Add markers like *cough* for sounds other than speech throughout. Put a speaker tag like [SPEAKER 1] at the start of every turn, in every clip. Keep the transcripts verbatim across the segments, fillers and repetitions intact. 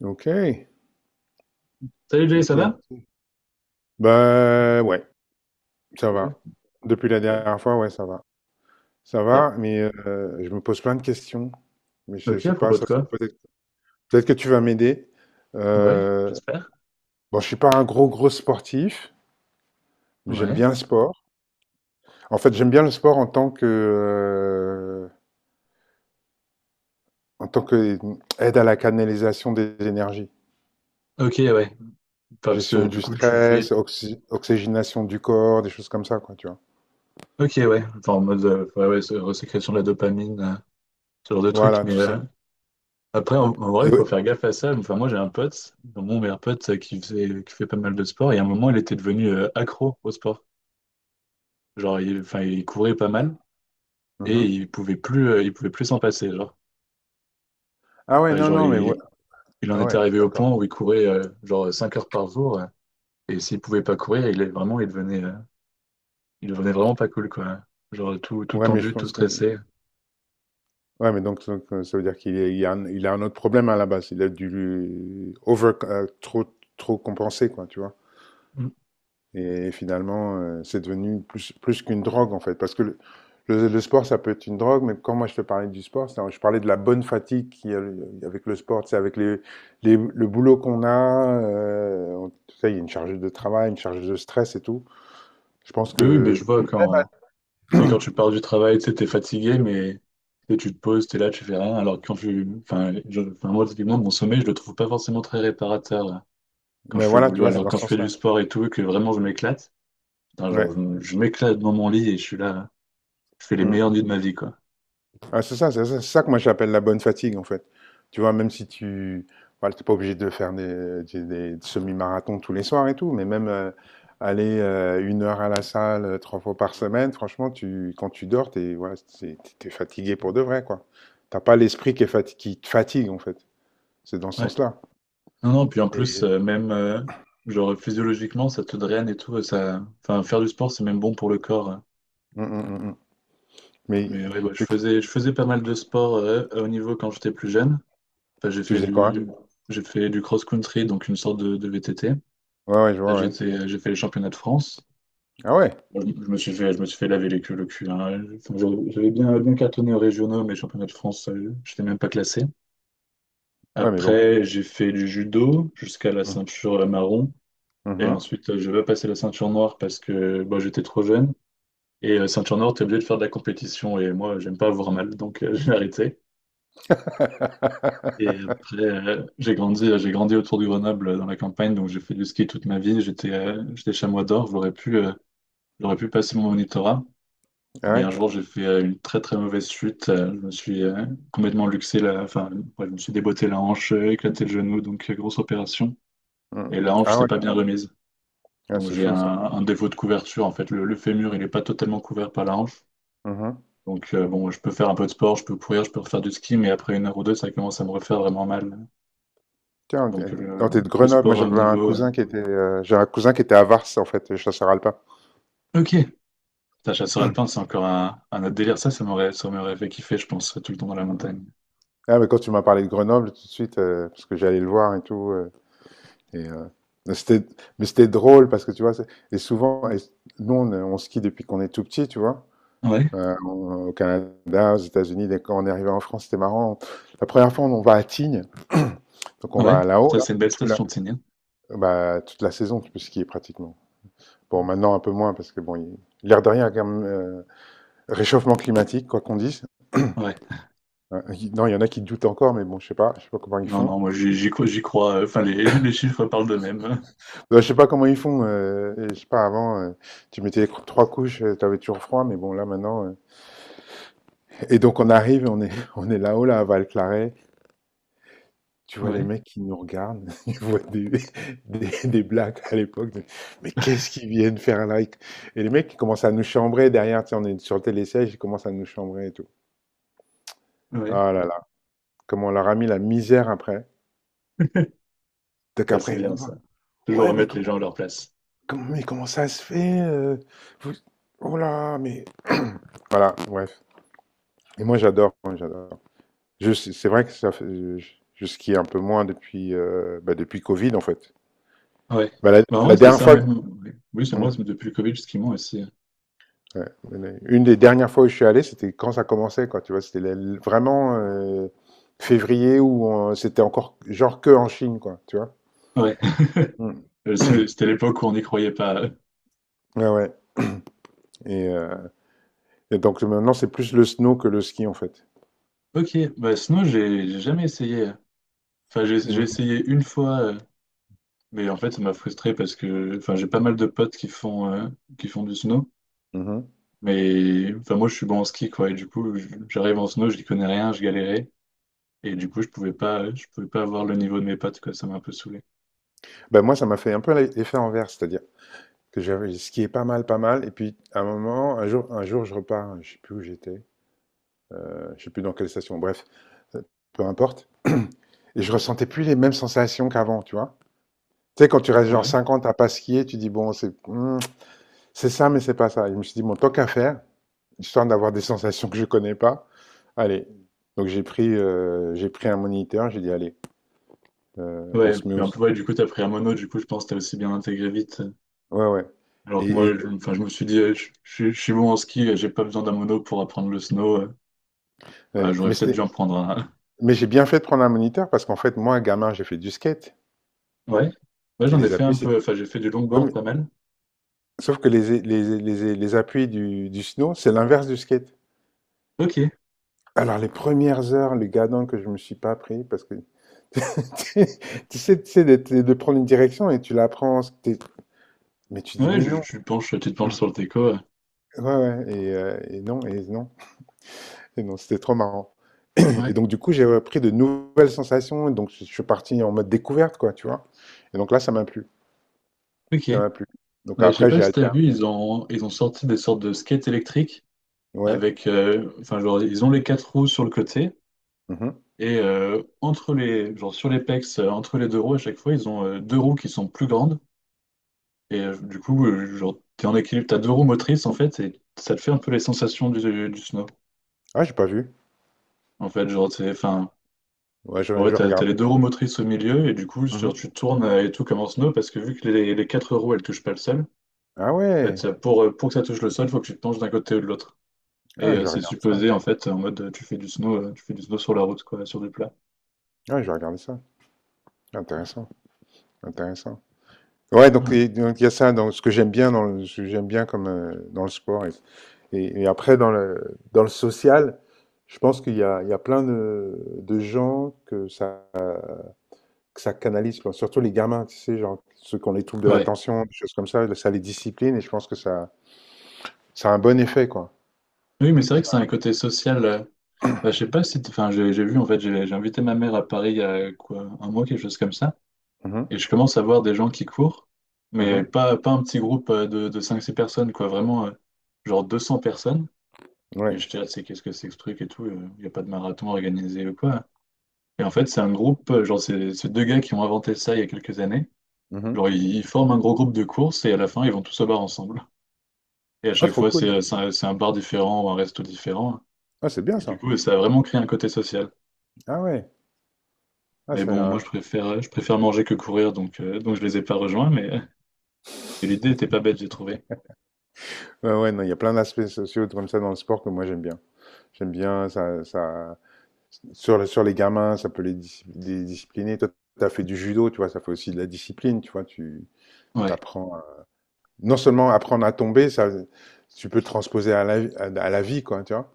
[SPEAKER 1] Ok,
[SPEAKER 2] Salut Jay,
[SPEAKER 1] ok,
[SPEAKER 2] ça va?
[SPEAKER 1] ok. Bah ouais, ça
[SPEAKER 2] Oui,
[SPEAKER 1] va. Depuis la
[SPEAKER 2] parfait.
[SPEAKER 1] dernière fois, ouais, ça va. Ça va,
[SPEAKER 2] Parfait.
[SPEAKER 1] mais euh, je me pose plein de questions. Mais je,
[SPEAKER 2] Ok,
[SPEAKER 1] je sais
[SPEAKER 2] à
[SPEAKER 1] pas,
[SPEAKER 2] propos de
[SPEAKER 1] ça se trouve
[SPEAKER 2] quoi?
[SPEAKER 1] peut-être. Peut-être que tu vas m'aider.
[SPEAKER 2] Ouais,
[SPEAKER 1] Euh,
[SPEAKER 2] j'espère.
[SPEAKER 1] bon, je suis pas un gros gros sportif, mais j'aime
[SPEAKER 2] Ouais.
[SPEAKER 1] bien le sport. En fait, j'aime bien le sport en tant que euh, en tant que aide à la canalisation des énergies,
[SPEAKER 2] Ok, ouais. Enfin, parce
[SPEAKER 1] gestion
[SPEAKER 2] que du
[SPEAKER 1] du
[SPEAKER 2] coup, tu
[SPEAKER 1] stress,
[SPEAKER 2] fais.
[SPEAKER 1] oxy- oxygénation du corps, des choses comme ça, quoi, tu vois.
[SPEAKER 2] Ok, ouais. Enfin, en mode euh, ouais, ouais, c'est resécrétion de la dopamine, euh, ce genre de truc.
[SPEAKER 1] Voilà,
[SPEAKER 2] Mais
[SPEAKER 1] tout ça.
[SPEAKER 2] euh, après, en, en vrai,
[SPEAKER 1] Et
[SPEAKER 2] il faut
[SPEAKER 1] oui.
[SPEAKER 2] faire gaffe à ça. Enfin, moi, j'ai un pote, donc mon meilleur pote, euh, qui faisait, qui fait pas mal de sport. Et à un moment, il était devenu euh, accro au sport. Genre, il, enfin, il courait pas mal et
[SPEAKER 1] Mhm.
[SPEAKER 2] il pouvait plus, euh, il pouvait plus s'en passer. Genre,
[SPEAKER 1] Ah ouais,
[SPEAKER 2] Enfin, Ah
[SPEAKER 1] non,
[SPEAKER 2] genre ouais.
[SPEAKER 1] non, mais ouais,
[SPEAKER 2] il, il en
[SPEAKER 1] ah
[SPEAKER 2] était
[SPEAKER 1] ouais,
[SPEAKER 2] arrivé au
[SPEAKER 1] d'accord.
[SPEAKER 2] point où il courait euh, genre cinq heures par jour. euh, Et s'il pouvait pas courir, il est vraiment, il devenait, euh, il devenait vraiment pas cool, quoi. Genre tout, tout
[SPEAKER 1] Ouais, mais je
[SPEAKER 2] tendu, tout
[SPEAKER 1] pense que.
[SPEAKER 2] stressé.
[SPEAKER 1] Ouais, mais donc, donc, euh, ça veut dire qu'il est- il y a un, il a un autre problème à la base. Il a dû over, euh, trop, trop compenser, quoi, tu vois.
[SPEAKER 2] Mm.
[SPEAKER 1] Et finalement, euh, c'est devenu plus, plus qu'une drogue, en fait. Parce que le, le- le sport, ça peut être une drogue, mais quand moi je te parlais du sport, c'est- je parlais de la bonne fatigue qu'il y a avec le sport, c'est avec les, les- le boulot qu'on a. euh, on- tu sais, il y a une charge de travail, une charge de stress et tout. Je pense
[SPEAKER 2] Oui, oui, mais
[SPEAKER 1] que.
[SPEAKER 2] je vois quand, tu sais, quand tu pars du travail, tu sais, t'es fatigué, mais tu sais, tu te poses, t'es là, tu fais rien. Alors que quand tu, enfin, je- enfin, moi, typiquement, mon sommeil, je le trouve pas forcément très réparateur là, quand
[SPEAKER 1] Mais
[SPEAKER 2] je fais le
[SPEAKER 1] voilà, tu
[SPEAKER 2] boulot.
[SPEAKER 1] vois, c'est
[SPEAKER 2] Alors
[SPEAKER 1] dans
[SPEAKER 2] quand
[SPEAKER 1] ce
[SPEAKER 2] je fais du
[SPEAKER 1] sens-là.
[SPEAKER 2] sport et tout, et que vraiment je m'éclate, putain, genre,
[SPEAKER 1] Ouais.
[SPEAKER 2] je, je m'éclate dans mon lit et je suis là, je fais les meilleures
[SPEAKER 1] Mmh.
[SPEAKER 2] nuits de ma vie, quoi.
[SPEAKER 1] Ah, c'est ça, c'est ça, c'est ça que moi j'appelle la bonne fatigue en fait. Tu vois, même si tu voilà, t'es pas obligé de faire des, des- des semi-marathons tous les soirs et tout, mais même euh, aller euh, une heure à la salle euh, trois fois par semaine, franchement, tu, quand tu dors, t'es voilà, c'est- t'es- t'es fatigué pour de vrai, quoi. T'as pas l'esprit qui est fati- qui te fatigue en fait. C'est dans ce
[SPEAKER 2] Ouais.
[SPEAKER 1] sens-là.
[SPEAKER 2] Non, non, puis en plus,
[SPEAKER 1] Et-
[SPEAKER 2] euh, même euh, genre physiologiquement, ça te draine et tout. Et ça... Enfin, faire du sport, c'est même bon pour le corps, hein.
[SPEAKER 1] Mm, mm, mm, mm. Mais
[SPEAKER 2] Mais ouais, bah, je
[SPEAKER 1] t'es-
[SPEAKER 2] faisais, je faisais pas mal de sport euh, à haut niveau quand j'étais plus jeune. Enfin, j'ai
[SPEAKER 1] tu
[SPEAKER 2] fait
[SPEAKER 1] faisais quoi, hein?
[SPEAKER 2] du, j'ai fait du cross-country, donc une sorte de, de V T T.
[SPEAKER 1] Ouais, ouais, je vois, ouais.
[SPEAKER 2] J'étais, euh, j'ai fait les championnats de France.
[SPEAKER 1] Ah ouais,
[SPEAKER 2] Bon, Je, je me suis fait, je me suis fait laver les culs, le cul, hein. Enfin, j'avais j'avais bien, bien cartonné aux régionaux, mais championnats de France, je j'étais même pas classé.
[SPEAKER 1] ouais, mais bon.
[SPEAKER 2] Après, j'ai fait du judo jusqu'à la
[SPEAKER 1] Mm.
[SPEAKER 2] ceinture marron. Et
[SPEAKER 1] Mhm.
[SPEAKER 2] ensuite, je veux passer la ceinture noire parce que bah, j'étais trop jeune. Et euh, ceinture noire, t'es obligé de faire de la compétition. Et moi, j'aime pas avoir mal, donc euh, *laughs* j'ai arrêté. Et après,
[SPEAKER 1] *laughs*
[SPEAKER 2] euh, j'ai grandi, j'ai grandi autour de Grenoble, euh, dans la campagne, donc j'ai fait du ski toute ma vie. J'étais euh, j'étais chamois d'or, j'aurais pu, euh, j'aurais pu passer mon monitorat.
[SPEAKER 1] Ah
[SPEAKER 2] Mais
[SPEAKER 1] ouais,
[SPEAKER 2] un jour, j'ai fait euh, une très très mauvaise chute. Euh, je me suis euh, complètement luxé, la... enfin, ouais, je me suis déboîté la hanche, euh, éclaté le genou, donc euh, grosse opération.
[SPEAKER 1] mm.
[SPEAKER 2] Et la hanche,
[SPEAKER 1] Ah
[SPEAKER 2] c'est
[SPEAKER 1] ouais,
[SPEAKER 2] pas bien remise.
[SPEAKER 1] ah,
[SPEAKER 2] Donc
[SPEAKER 1] c'est
[SPEAKER 2] j'ai un,
[SPEAKER 1] chaud ça.
[SPEAKER 2] un défaut de couverture en fait. Le, le fémur, il n'est pas totalement couvert par la hanche.
[SPEAKER 1] Mhm.
[SPEAKER 2] Donc euh, bon, je peux faire un peu de sport, je peux courir, je peux refaire du ski, mais après une heure ou deux, ça commence à me refaire vraiment mal.
[SPEAKER 1] Tiens, t'es
[SPEAKER 2] Donc
[SPEAKER 1] oh,
[SPEAKER 2] le,
[SPEAKER 1] t'es de
[SPEAKER 2] le
[SPEAKER 1] Grenoble. Moi,
[SPEAKER 2] sport à haut
[SPEAKER 1] j'avais un
[SPEAKER 2] niveau.
[SPEAKER 1] cousin
[SPEAKER 2] euh,
[SPEAKER 1] qui était, euh, j'ai un cousin qui était à Vars, en fait, chasseur alpin.
[SPEAKER 2] Ok, ta chasseur alpin, c'est encore un, un autre délire. Ça, ça m'aurait, ça m'aurait fait kiffer, je pense, tout le temps dans la
[SPEAKER 1] Mhm.
[SPEAKER 2] montagne.
[SPEAKER 1] Ah, mais quand tu m'as parlé de Grenoble, tout de suite, euh, parce que j'allais le voir et tout. euh, et euh, mais c'était, mais c'était drôle parce que tu vois, c'est- et souvent, et nous, on, on skie depuis qu'on est tout petit, tu vois.
[SPEAKER 2] Ouais,
[SPEAKER 1] Euh, on- au Canada, aux États-Unis, dès qu'on est arrivé en France, c'était marrant. La première fois, on, on va à Tignes, donc on
[SPEAKER 2] ouais.
[SPEAKER 1] va là-haut,
[SPEAKER 2] Ça,
[SPEAKER 1] là,
[SPEAKER 2] c'est une belle
[SPEAKER 1] tout là.
[SPEAKER 2] station de Sénien.
[SPEAKER 1] Bah, toute la saison, tu peux skier pratiquement. Bon, maintenant un peu moins parce que bon, il- l'air de rien, quand même. euh, Réchauffement climatique, quoi qu'on dise.
[SPEAKER 2] Ouais.
[SPEAKER 1] Euh, il- non, il y en a qui doutent encore, mais bon, je sais pas, je sais pas comment ils
[SPEAKER 2] Non,
[SPEAKER 1] font.
[SPEAKER 2] non, moi j'y j'y crois, j'y crois, euh, enfin, les, *laughs* les chiffres parlent d'eux-mêmes.
[SPEAKER 1] Euh, je sais pas comment ils font. euh, et je sais pas, avant, euh, tu mettais cro- trois couches, tu avais toujours froid, mais bon, là maintenant. Euh. Et donc on arrive, on est, *laughs* on est là-haut, là, à Val-Claret. Tu vois les
[SPEAKER 2] Ouais,
[SPEAKER 1] mecs qui nous regardent, *laughs* ils voient des, des, des blagues à l'époque. De, Mais qu'est-ce qu'ils viennent faire là? Ils- Et les mecs, qui commencent à nous chambrer derrière, tu sais, on est sur le télésiège, ils commencent à nous chambrer et tout.
[SPEAKER 2] ouais.
[SPEAKER 1] Ah là là, comment on leur a mis la misère après. Donc
[SPEAKER 2] Ça, c'est
[SPEAKER 1] après, ils nous
[SPEAKER 2] bien
[SPEAKER 1] disent,
[SPEAKER 2] ça. Toujours
[SPEAKER 1] ouais, mais
[SPEAKER 2] remettre les
[SPEAKER 1] comment,
[SPEAKER 2] gens à leur place.
[SPEAKER 1] Comment- mais comment ça se fait euh, vous- oh là, mais. Voilà, bref. Et moi, j'adore, moi, j'adore. Je- C'est c'est vrai que ça fait. Je, je skie un peu moins depuis, euh, bah, depuis Covid, en fait.
[SPEAKER 2] Ouais.
[SPEAKER 1] Bah, la,
[SPEAKER 2] Bah, en vrai,
[SPEAKER 1] la
[SPEAKER 2] c'était
[SPEAKER 1] dernière
[SPEAKER 2] ça
[SPEAKER 1] fois.
[SPEAKER 2] même. Ouais. Oui, c'est en
[SPEAKER 1] Hmm,
[SPEAKER 2] vrai, c'est depuis le Covid, justement, aussi.
[SPEAKER 1] ouais. Une des dernières fois où je suis allé, c'était quand ça commençait, quoi. Tu vois, c'était la- vraiment euh, février où on- c'était encore genre que en Chine, quoi. Tu vois?
[SPEAKER 2] Ouais. *laughs*
[SPEAKER 1] Hmm.
[SPEAKER 2] Euh, c'est-
[SPEAKER 1] *clears throat*
[SPEAKER 2] c'était l'époque où on n'y croyait pas.
[SPEAKER 1] Ouais, ouais. Et, euh, et donc maintenant, c'est plus le snow que le ski, en fait.
[SPEAKER 2] Ok, bah sinon, j'ai j'ai jamais essayé, hein. Enfin, j'ai
[SPEAKER 1] Et-
[SPEAKER 2] j'ai essayé une fois, euh, mais en fait, ça m'a frustré parce que enfin, j'ai pas mal de potes qui font, euh, qui font du snow.
[SPEAKER 1] Mhm.
[SPEAKER 2] Mais enfin, moi, je suis bon en ski, quoi. Et du coup, je- j'arrive en snow, je n'y connais rien, je galérais. Et du coup, je pouvais pas, je pouvais pas avoir le niveau de mes potes, quoi. Ça m'a un peu saoulé.
[SPEAKER 1] Bah, moi, ça m'a fait un peu l'effet envers, c'est-à-dire que j'avais skié pas mal, pas mal. Et puis, à un moment, un jour, un jour je repars, je sais plus où j'étais, euh, je sais plus dans quelle station, bref, euh, peu importe. Et je ressentais plus les mêmes sensations qu'avant, tu vois. Tu sais, quand tu restes genre
[SPEAKER 2] Ouais.
[SPEAKER 1] cinquante à pas skier, tu dis, bon, c'est hmm, c'est ça, mais c'est pas ça. Et je me suis dit, bon, tant qu'à faire, histoire d'avoir des sensations que je connais pas, allez. Donc, j'ai pris, euh, j'ai pris un moniteur, j'ai dit, allez, euh, on
[SPEAKER 2] Ouais.
[SPEAKER 1] se met
[SPEAKER 2] Mais
[SPEAKER 1] au.
[SPEAKER 2] un peu, ouais, du coup, t'as pris un mono, du coup, je pense que t'as aussi bien intégré vite.
[SPEAKER 1] Ouais, ouais.
[SPEAKER 2] Alors que
[SPEAKER 1] Et, et-
[SPEAKER 2] moi, je, enfin, je me suis dit, euh, je, je- je suis bon en ski, euh, j'ai pas besoin d'un mono pour apprendre le snow. euh, Bah,
[SPEAKER 1] ouais.
[SPEAKER 2] j'aurais
[SPEAKER 1] Mais,
[SPEAKER 2] peut-être
[SPEAKER 1] c'était-
[SPEAKER 2] dû en prendre un. *laughs*
[SPEAKER 1] mais j'ai bien fait de prendre un moniteur parce qu'en fait, moi, gamin, j'ai fait du skate.
[SPEAKER 2] Ouais, ouais,
[SPEAKER 1] Et
[SPEAKER 2] j'en ai
[SPEAKER 1] les
[SPEAKER 2] fait
[SPEAKER 1] appuis,
[SPEAKER 2] un
[SPEAKER 1] c'est.
[SPEAKER 2] peu. Enfin, j'ai fait du longboard pas mal.
[SPEAKER 1] Sauf que les, les, les, les appuis du, du snow, c'est l'inverse du skate.
[SPEAKER 2] Ok.
[SPEAKER 1] Alors, les premières heures, le gadon que je me suis pas pris, parce que *laughs* tu sais, tu sais de, de prendre une direction et tu la prends, t'es- mais tu dis,
[SPEAKER 2] Ouais,
[SPEAKER 1] mais
[SPEAKER 2] je,
[SPEAKER 1] non,
[SPEAKER 2] je penche, tu te penches sur le déco. Euh.
[SPEAKER 1] ouais, ouais, et, euh, et non, et non, et non, c'était trop marrant. *clears throat* Et
[SPEAKER 2] Ouais,
[SPEAKER 1] donc, du coup, j'ai repris de nouvelles sensations, et donc je je suis parti en mode découverte, quoi, tu vois. Et donc là, ça m'a plu,
[SPEAKER 2] ok.
[SPEAKER 1] ça m'a plu.
[SPEAKER 2] Ouais,
[SPEAKER 1] Donc
[SPEAKER 2] je sais
[SPEAKER 1] après,
[SPEAKER 2] pas
[SPEAKER 1] j'ai
[SPEAKER 2] si t'as vu,
[SPEAKER 1] alterné.
[SPEAKER 2] ils ont, ils ont sorti des sortes de skates électriques
[SPEAKER 1] Ouais.
[SPEAKER 2] avec, euh, enfin, genre, ils ont les quatre roues sur le côté
[SPEAKER 1] Mhm.
[SPEAKER 2] et euh, entre les, genre, sur les pecs, euh, entre les deux roues à chaque fois, ils ont euh, deux roues qui sont plus grandes. Et euh, du coup, euh, genre, t'es en équilibre, t'as deux roues motrices en fait, et ça te fait un peu les sensations du, du snow.
[SPEAKER 1] Ah, j'ai pas vu.
[SPEAKER 2] En fait, genre, c'est, enfin,
[SPEAKER 1] Ouais, je,
[SPEAKER 2] ouais,
[SPEAKER 1] je
[SPEAKER 2] t'as, t'as les
[SPEAKER 1] regardais.
[SPEAKER 2] deux roues motrices au milieu, et du coup, genre,
[SPEAKER 1] Mhm.
[SPEAKER 2] tu tournes euh, et tout comme en snow, parce que vu que les, les quatre roues, elles touchent pas le sol,
[SPEAKER 1] Ah
[SPEAKER 2] en fait,
[SPEAKER 1] ouais.
[SPEAKER 2] euh, pour, euh, pour que ça touche le sol, faut que tu te penches d'un côté ou de l'autre. Et
[SPEAKER 1] Ah, je
[SPEAKER 2] euh,
[SPEAKER 1] vais
[SPEAKER 2] c'est
[SPEAKER 1] regarder ça.
[SPEAKER 2] supposé, en fait, en mode, euh, tu fais du snow, euh, tu fais du snow sur la route, quoi, sur du plat.
[SPEAKER 1] Ah, je vais regarder ça. Intéressant, intéressant. Ouais, donc
[SPEAKER 2] Ouais.
[SPEAKER 1] et- donc, il y a ça dans ce que j'aime bien dans le, ce que j'aime bien comme euh, dans le sport et, et- et après dans le dans le social, je pense qu'il y a il y a plein de, de gens que ça que ça canalise quoi. Surtout les gamins, tu sais, genre ceux qui ont les troubles de
[SPEAKER 2] Ouais.
[SPEAKER 1] l'attention, des choses comme ça, ça les discipline et je pense que ça ça a un bon effet quoi.
[SPEAKER 2] Oui, mais c'est vrai
[SPEAKER 1] Ça-
[SPEAKER 2] que c'est un côté social. Euh, bah, je sais pas si, t'- enfin, j'ai j'ai vu, en fait, j'ai j'ai invité ma mère à Paris il y a, quoi, un mois, quelque chose comme ça.
[SPEAKER 1] Mhm,
[SPEAKER 2] Et je commence à voir des gens qui courent, mais
[SPEAKER 1] mhm,
[SPEAKER 2] pas, pas un petit groupe euh, de, de cinq six personnes, quoi, vraiment euh, genre deux cents personnes.
[SPEAKER 1] ouais.
[SPEAKER 2] Et je dis, ah, c'est qu'est-ce que c'est que ce truc et tout, il n'y a pas de marathon organisé ou quoi. Et en fait, c'est un groupe, euh, genre, c'est c'est deux gars qui ont inventé ça il y a quelques années.
[SPEAKER 1] Mhm.
[SPEAKER 2] Genre, ils, ils forment un gros groupe de course et à la fin, ils vont tous au bar ensemble. Et à
[SPEAKER 1] Ah,
[SPEAKER 2] chaque
[SPEAKER 1] trop
[SPEAKER 2] fois, c'est
[SPEAKER 1] cool.
[SPEAKER 2] euh, c'est un, c'est un bar différent ou un resto différent.
[SPEAKER 1] Ah, c'est bien
[SPEAKER 2] Et du
[SPEAKER 1] ça.
[SPEAKER 2] coup, ça a vraiment créé un côté social.
[SPEAKER 1] Ah ouais. Ah,
[SPEAKER 2] Mais
[SPEAKER 1] c'est
[SPEAKER 2] bon, moi, je
[SPEAKER 1] un-
[SPEAKER 2] préfère, je préfère manger que courir, donc, euh, donc je les ai pas rejoints, mais euh, l'idée était pas bête, j'ai trouvé.
[SPEAKER 1] ouais, ouais, non, il y a plein d'aspects sociaux comme ça dans le sport que moi j'aime bien. J'aime bien ça, ça sur, le- sur les gamins, ça peut les, dis- les discipliner. Toi, tu as fait du judo, tu vois, ça fait aussi de la discipline, tu vois, tu
[SPEAKER 2] Ouais.
[SPEAKER 1] t'apprends à- non seulement apprendre à tomber, ça tu peux transposer à la, à, à la vie quoi, tu vois.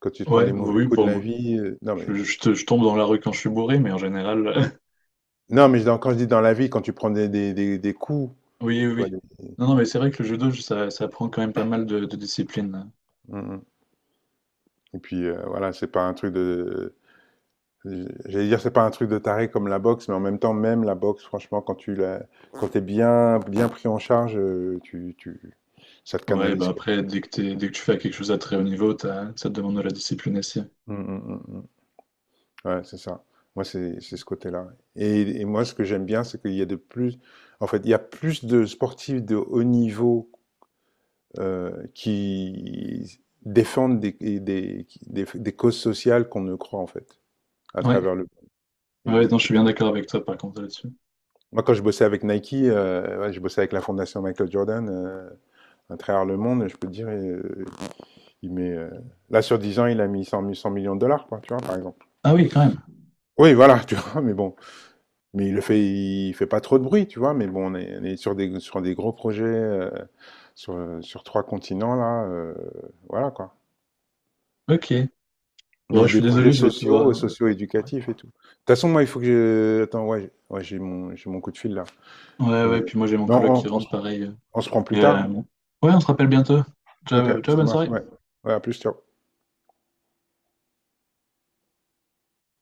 [SPEAKER 1] Quand tu te prends
[SPEAKER 2] Ouais,
[SPEAKER 1] des mauvais
[SPEAKER 2] oui,
[SPEAKER 1] coups
[SPEAKER 2] pour
[SPEAKER 1] de la
[SPEAKER 2] moi.
[SPEAKER 1] vie, euh, non mais
[SPEAKER 2] Je, je te- je tombe dans la rue quand je suis bourré, mais en général, euh,
[SPEAKER 1] non mais dans- quand je dis dans la vie, quand tu prends des, des, des, des coups,
[SPEAKER 2] *laughs* oui, oui,
[SPEAKER 1] tu vois
[SPEAKER 2] oui.
[SPEAKER 1] des-
[SPEAKER 2] Non, non, mais c'est vrai que le judo, ça, ça prend quand même pas mal de, de discipline.
[SPEAKER 1] mm, mm. Et puis euh, voilà, c'est pas un truc de j'allais dire, c'est pas un truc de taré comme la boxe, mais en même temps, même la boxe, franchement, quand tu la, quand t'es bien, bien pris en charge, euh, tu, tu, ça te
[SPEAKER 2] Ouais, bah
[SPEAKER 1] canalise, quoi.
[SPEAKER 2] après, dès que t'es- dès que tu fais quelque chose à très haut niveau, t'as- ça te demande de la discipline aussi.
[SPEAKER 1] Mm, mm, mm, mm. Ouais, c'est ça. Moi, c'est, c'est ce côté-là. Et, et moi, ce que j'aime bien, c'est qu'il y a de plus, en fait, il y a plus de sportifs de haut niveau euh, qui défendent des, et des, qui- des, des causes sociales qu'on ne croit, en fait, à
[SPEAKER 2] Ouais,
[SPEAKER 1] travers le, et
[SPEAKER 2] ouais,
[SPEAKER 1] des,
[SPEAKER 2] non, je
[SPEAKER 1] des
[SPEAKER 2] suis bien
[SPEAKER 1] trucs.
[SPEAKER 2] d'accord avec toi par contre là-dessus.
[SPEAKER 1] Moi, quand je bossais avec Nike, euh, ouais, je bossais avec la fondation Michael Jordan. euh, à travers le monde, je peux te dire, euh, il met. Euh, là, sur dix ans, il a mis cent, cent millions de dollars, quoi, tu vois, par exemple.
[SPEAKER 2] Ah oui, quand même.
[SPEAKER 1] Oui, voilà, *laughs* tu vois, mais bon. Mais il le fait, il fait pas trop de bruit, tu vois, mais bon, on est, on est sur, des, sur des gros projets, euh, sur, sur trois continents, là, euh, voilà, quoi.
[SPEAKER 2] Ok. Bon,
[SPEAKER 1] Mais
[SPEAKER 2] je
[SPEAKER 1] des
[SPEAKER 2] suis
[SPEAKER 1] projets
[SPEAKER 2] désolé, je vais
[SPEAKER 1] sociaux, euh,
[SPEAKER 2] devoir. Ouais,
[SPEAKER 1] socio-éducatifs et tout. De toute façon, moi, il faut que je. Attends, ouais, ouais, j'ai mon, j'ai mon coup de fil, là.
[SPEAKER 2] ouais, ouais,
[SPEAKER 1] Euh,
[SPEAKER 2] puis moi j'ai mon
[SPEAKER 1] mais
[SPEAKER 2] coloc
[SPEAKER 1] on,
[SPEAKER 2] qui
[SPEAKER 1] on- on se
[SPEAKER 2] rentre pareil.
[SPEAKER 1] on se prend plus
[SPEAKER 2] Et,
[SPEAKER 1] tard,
[SPEAKER 2] euh,
[SPEAKER 1] hein.
[SPEAKER 2] bon. Ouais, on se rappelle bientôt.
[SPEAKER 1] Ok,
[SPEAKER 2] Ciao, ciao,
[SPEAKER 1] ça
[SPEAKER 2] bonne
[SPEAKER 1] marche,
[SPEAKER 2] soirée.
[SPEAKER 1] ouais. Ouais, à plus, ciao.